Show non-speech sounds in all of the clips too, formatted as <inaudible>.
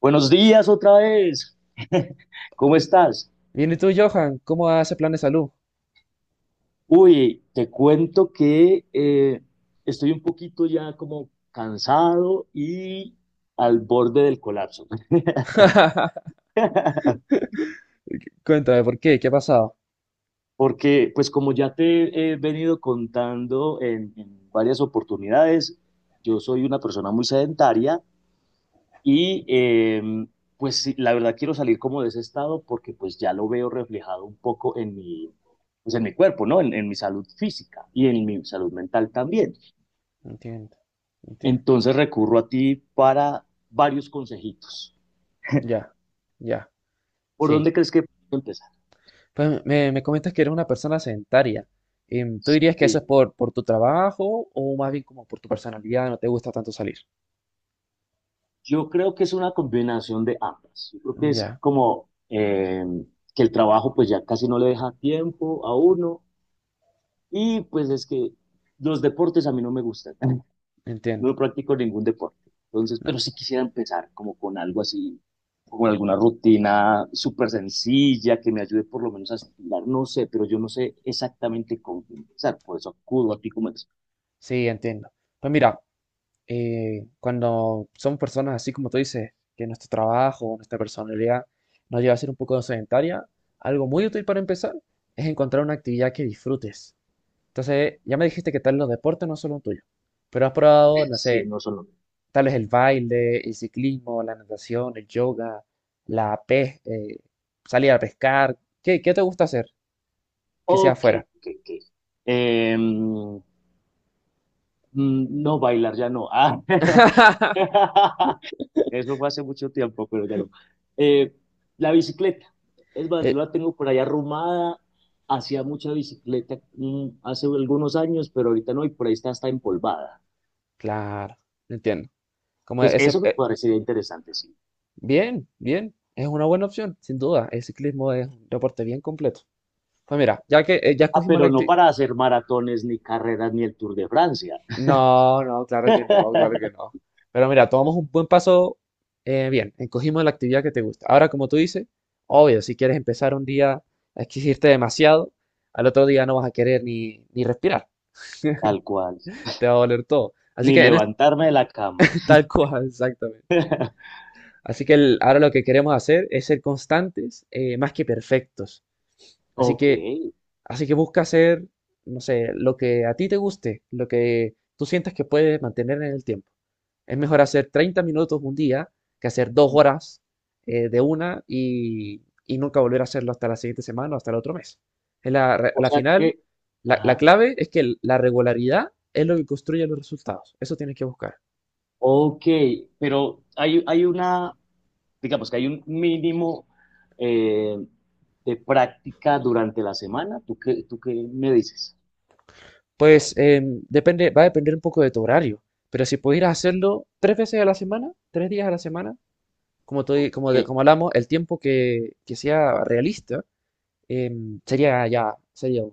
Buenos días otra vez. <laughs> ¿Cómo estás? Bien, ¿y tú, Johan? ¿Cómo va ese plan de salud? Uy, te cuento que estoy un poquito ya como cansado y al borde del colapso. <laughs> <laughs> Cuéntame, ¿por qué? ¿Qué ha pasado? Porque, pues como ya te he venido contando en varias oportunidades, yo soy una persona muy sedentaria. Y eh, pues sí, la verdad quiero salir como de ese estado porque pues ya lo veo reflejado un poco en pues en mi cuerpo, ¿no? En mi salud física y en mi salud mental también. Entiendo, entiendo. Entonces recurro a ti para varios consejitos. Ya, ya, ¿Por sí. dónde crees que puedo empezar? Pues me comentas que eres una persona sedentaria. ¿Tú dirías que eso es Sí, por tu trabajo o más bien como por tu personalidad? ¿No te gusta tanto salir? yo creo que es una combinación de ambas. Yo creo que es Ya, como que el trabajo pues ya casi no le deja tiempo a uno y pues es que los deportes a mí no me gustan. <laughs> entiendo. No practico ningún deporte. Entonces, No, pero sí quisiera empezar como con algo así, con alguna rutina súper sencilla que me ayude por lo menos a estirar, no sé, pero yo no sé exactamente cómo comenzar, por eso acudo a ti como experto. sí, entiendo. Pues mira, cuando somos personas así como tú dices, que nuestro trabajo, nuestra personalidad nos lleva a ser un poco sedentaria, algo muy útil para empezar es encontrar una actividad que disfrutes. Entonces, ya me dijiste que tal los deportes no son los tuyos, pero has probado, no Sí, sé, no solo. tal vez el baile, el ciclismo, la natación, el yoga, la pes salir a pescar. ¿Qué te gusta hacer que sea Ok, afuera? ok, ok. Em, no, bailar ya no. Ah. <laughs> <laughs> Eso fue hace mucho tiempo, pero ya no. Eh, la bicicleta. Es más, yo Eh, la tengo por ahí arrumada. Hacía mucha bicicleta hace algunos años, pero ahorita no, y por ahí está empolvada. claro, entiendo. Como Entonces, ese, eso me eh, parecería interesante, sí. bien, bien, es una buena opción, sin duda. El ciclismo es un deporte bien completo. Pues mira, ya Ah, escogimos la, pero no acti- para hacer maratones, ni carreras, ni el Tour de Francia. No, no, claro que no, claro que <laughs> no. Pero mira, tomamos un buen paso bien, encogimos la actividad que te gusta. Ahora, como tú dices, obvio, si quieres empezar un día a exigirte demasiado, al otro día no vas a querer ni respirar, Tal cual. te va a doler todo. Así Ni que en este, levantarme de la cama. <laughs> tal cual, exactamente. Así que ahora lo que queremos hacer es ser constantes, más que perfectos. Así Ok. que Así que busca hacer, no sé, lo que a ti te guste, lo que tú sientas que puedes mantener en el tiempo. Es mejor hacer 30 minutos un día que hacer 2 horas de una y nunca volver a hacerlo hasta la siguiente semana o hasta el otro mes. Es la re- a O la sea final, que, la ajá. clave es que la regularidad es lo que construye los resultados. Eso tienes que buscar. Ok, pero hay una, digamos que hay un mínimo eh, de práctica durante la semana. ¿ Tú qué me dices? Pues depende, va a depender un poco de tu horario, pero si pudieras hacerlo 3 veces a la semana, 3 días a la semana, como, Ok, te- como, de- como hablamos, el tiempo que sea realista sería ya, sería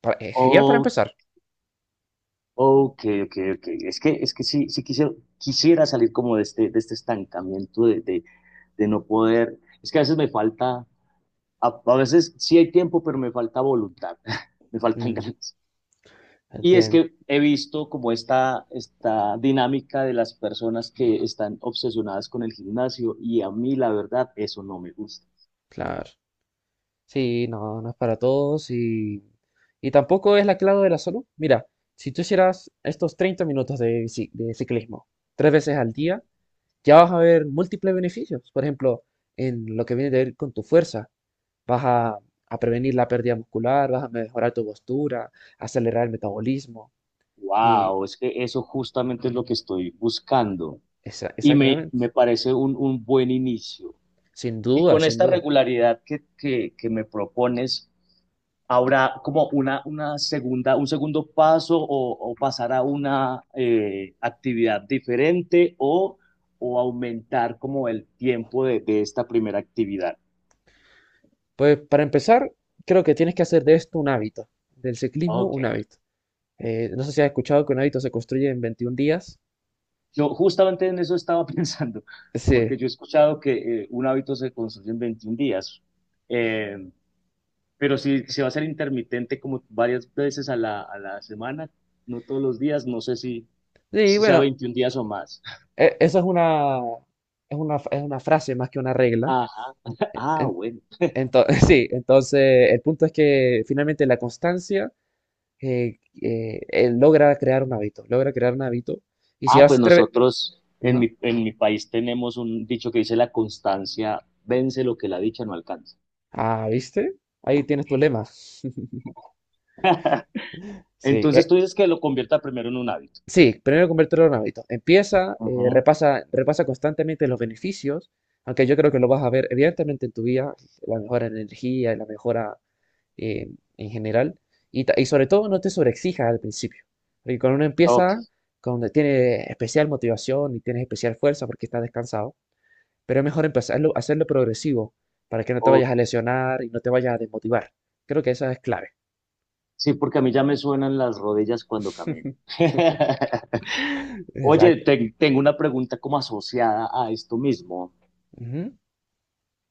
genial para oh, empezar. ok, ok, ok. Es que sí, sí quisiera, quisiera salir como de este estancamiento de no poder. Es que a veces me falta, a veces sí hay tiempo, pero me falta voluntad, <laughs> me faltan Mm, ganas. Y es entiendo, que he visto como esta dinámica de las personas que están obsesionadas con el gimnasio y a mí la verdad eso no me gusta. claro. Sí, no, no es para todos y tampoco es la clave de la salud. Mira, si tú hicieras estos 30 minutos de, de ciclismo 3 veces al día, ya vas a ver múltiples beneficios. Por ejemplo, en lo que viene de ver con tu fuerza, vas a, a prevenir la pérdida muscular, vas a mejorar tu postura, acelerar el metabolismo. Y Wow, es que eso justamente es lo que estoy buscando y Exactamente. me parece un buen inicio. Sin Y duda, con sin esta duda. regularidad que me propones, ¿habrá como una segunda, un segundo paso o pasar a una actividad diferente o aumentar como el tiempo de esta primera actividad? Pues para empezar, creo que tienes que hacer de esto un hábito, del ciclismo Ok, un hábito. No sé si has escuchado que un hábito se construye en 21 días. yo justamente en eso estaba <laughs> pensando, Sí. porque yo he escuchado que un hábito se construye en 21 días, eh, pero si se va a ser intermitente como varias veces a a la semana, no todos los días, no sé si Sí, si sea bueno, 21 días o más. Eso es una, es una, es una frase más que una regla. Ajá. E, Ah, En- bueno. <laughs> Sí, entonces el punto es que finalmente la constancia logra crear un hábito, logra crear un hábito. Y si Ah, pues vas a... nosotros en Ajá. En mi país tenemos un dicho que dice la constancia vence lo que la dicha no alcanza. Ah, ¿viste? Ahí tienes tu lema. <laughs> <laughs> Sí, Entonces e- tú dices que lo convierta primero en un hábito. Sí, primero convertirlo en un hábito. Empieza, Ujú. repasa constantemente los beneficios, aunque yo creo que lo vas a ver evidentemente en tu vida, la mejora en energía y la mejora eh, en general. Y sobre todo no te sobreexijas al principio, porque cuando uno Ok, empieza, cuando tiene especial motivación y tienes especial fuerza porque estás descansado, pero es mejor empezarlo, hacerlo progresivo para que no te ok. vayas a lesionar y no te vayas a desmotivar. Creo que esa es clave. Sí, porque a mí ya me suenan las rodillas cuando camino. <laughs> <laughs> Oye, Exacto. te- tengo una pregunta como asociada a esto mismo. Ujú.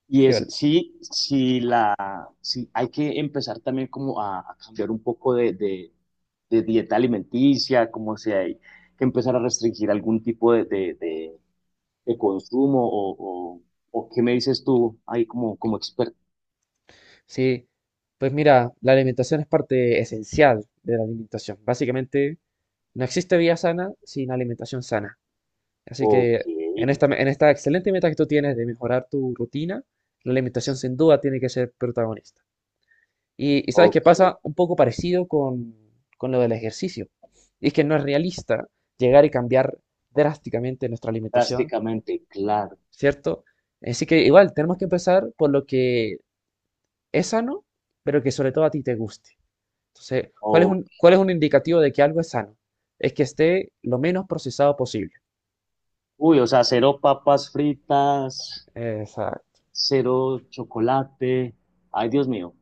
Y ¿Qué es, sí, sí, sí, hay que empezar también como a cambiar un poco de dieta alimenticia, como si hay que empezar a restringir algún tipo de consumo o qué me dices tú ahí como, como experto. sí, pues mira, la alimentación es parte esencial de la alimentación. Básicamente, no existe vida sana sin alimentación sana. Así Ok, que en esta excelente meta que tú tienes de mejorar tu rutina, la alimentación sin duda tiene que ser protagonista. Y sabes qué pasa ok, un poco parecido con lo del ejercicio. Y es que no es realista llegar y cambiar drásticamente nuestra alimentación, prácticamente, claro. ¿cierto? Así que igual tenemos que empezar por lo que es sano, pero que sobre todo a ti te guste. Entonces, Ok. ¿cuál es un indicativo de que algo es sano? Es que esté lo menos procesado posible. Uy, o sea, cero papas fritas, Exacto. cero chocolate. Ay, Dios mío,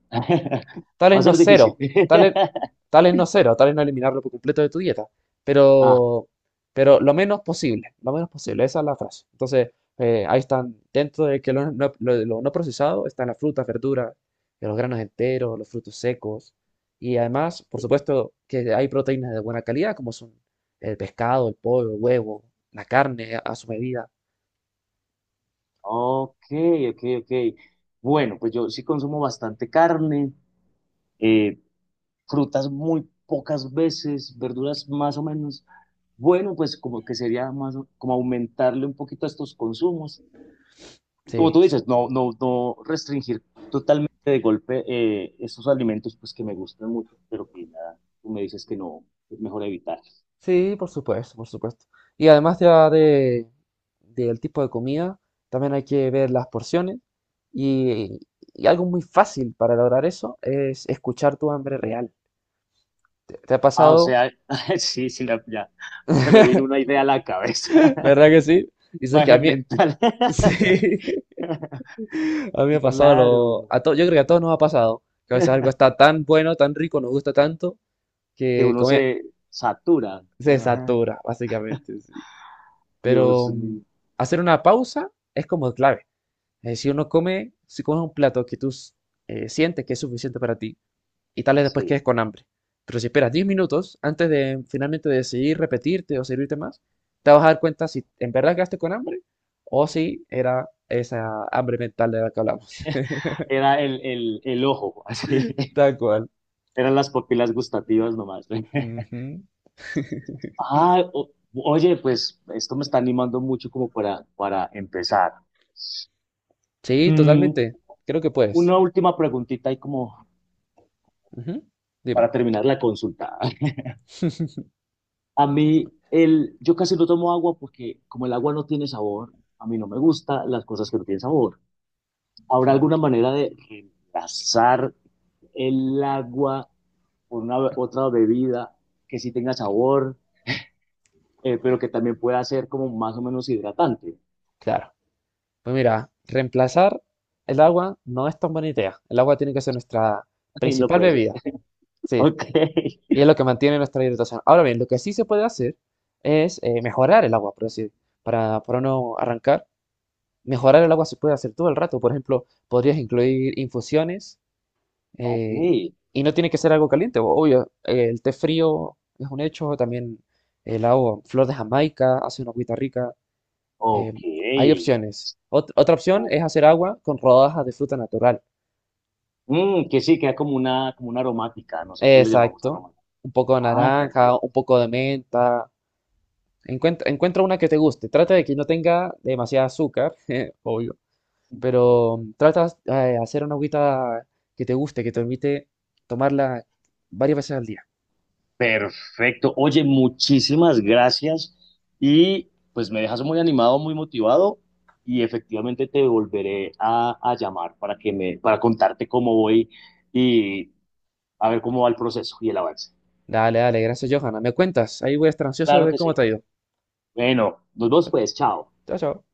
Tal <laughs> va es a no ser difícil. cero, tal es, <laughs> tal es no cero, tal es no eliminarlo por completo de tu dieta, Ah. pero, pero lo menos posible, esa es la frase. Entonces, ahí están, dentro de que lo no procesado están las frutas, verduras, los granos enteros, los frutos secos. Y además, por supuesto, que hay proteínas de buena calidad, como son el pescado, el pollo, el huevo, la carne a su medida. Ok, ok, ok. Bueno, pues yo sí consumo bastante carne, eh, frutas muy pocas veces, verduras más o menos. Bueno, pues como que sería más, o- como aumentarle un poquito a estos consumos. Y como Sí, tú sí, dices, no, no, no restringir totalmente de golpe estos alimentos pues que me gustan mucho, pero que ya tú me dices que no, es mejor evitar. sí, por supuesto, por supuesto. Y además ya de, Del tipo de comida, también hay que ver las porciones. Y, y algo muy fácil para lograr eso es escuchar tu hambre real. ¿Te ha Ah, o pasado? sea, <laughs> sí, sí, la- ya se me vino una idea a la cabeza, <laughs> <laughs> ¿Verdad que sí? Dices que a imagen mí, mental. <laughs> <laughs> sí, a mí me ha Sí, pasado claro. Yo creo que a todos nos ha pasado, que a veces algo está <laughs> tan bueno, tan rico, nos gusta tanto, Que que uno comer se satura. se Ajá. satura, básicamente, sí. Dios Pero mío. hacer una pausa es como clave. Es decir, uno come, si comes un plato que tú sientes que es suficiente para ti y tal vez después Sí. quedes con hambre. Pero si esperas 10 minutos antes de finalmente decidir repetirte o servirte más, te vas a dar cuenta si en verdad quedaste con hambre o si era esa hambre mental de la que hablamos. <laughs> Era el ojo, así. Tal cual. <laughs> Eran las papilas gustativas nomás. <laughs> Ujú. Ah, o- oye, pues esto me está animando mucho como para empezar. Sí, Mm, totalmente. Creo que puedes. una última preguntita y como Ujú. Dime. para terminar la consulta. <laughs> A mí, el, yo casi no tomo agua porque como el agua no tiene sabor, a mí no me gusta las cosas que no tienen sabor. ¿Habrá Claro, alguna manera de reemplazar el agua por una otra bebida que sí tenga sabor, pero que también pueda ser como más o menos hidratante? claro. Pues mira, reemplazar el agua no es tan buena idea. El agua tiene que ser nuestra <laughs> Y no principal puede ser. bebida. <laughs> Sí, Ok, y es lo que mantiene nuestra hidratación. Ahora bien, lo que sí se puede hacer es mejorar el agua, por decir, para no arrancar. Mejorar el agua se puede hacer todo el rato. Por ejemplo, podrías incluir infusiones ok, eh, y no tiene que ser algo caliente. Obvio, el té frío es un hecho. También el agua, flor de Jamaica, hace una agüita rica. eh, ok. Hay opciones. Otra opción es hacer agua con rodajas de fruta natural. Mm, que sí, queda como una aromática. Nosotros le llamamos Exacto. aromática. Un poco de Ah, naranja, perfecto. un poco de menta. Encuentra una que te guste. Trata de que no tenga demasiada azúcar, <laughs> obvio, pero trata de hacer una agüita que te guste, que te permite tomarla varias veces al día. Perfecto. Oye, muchísimas gracias. Y pues me dejas muy animado, muy motivado. Y efectivamente te volveré a llamar para que para contarte cómo voy y a ver cómo va el proceso y el avance. Dale, dale, gracias, Johanna. Me cuentas, ahí voy a estar ansioso de Claro ver que cómo sí. te ha ido. Bueno, nos vemos pues, chao. Chao, chao.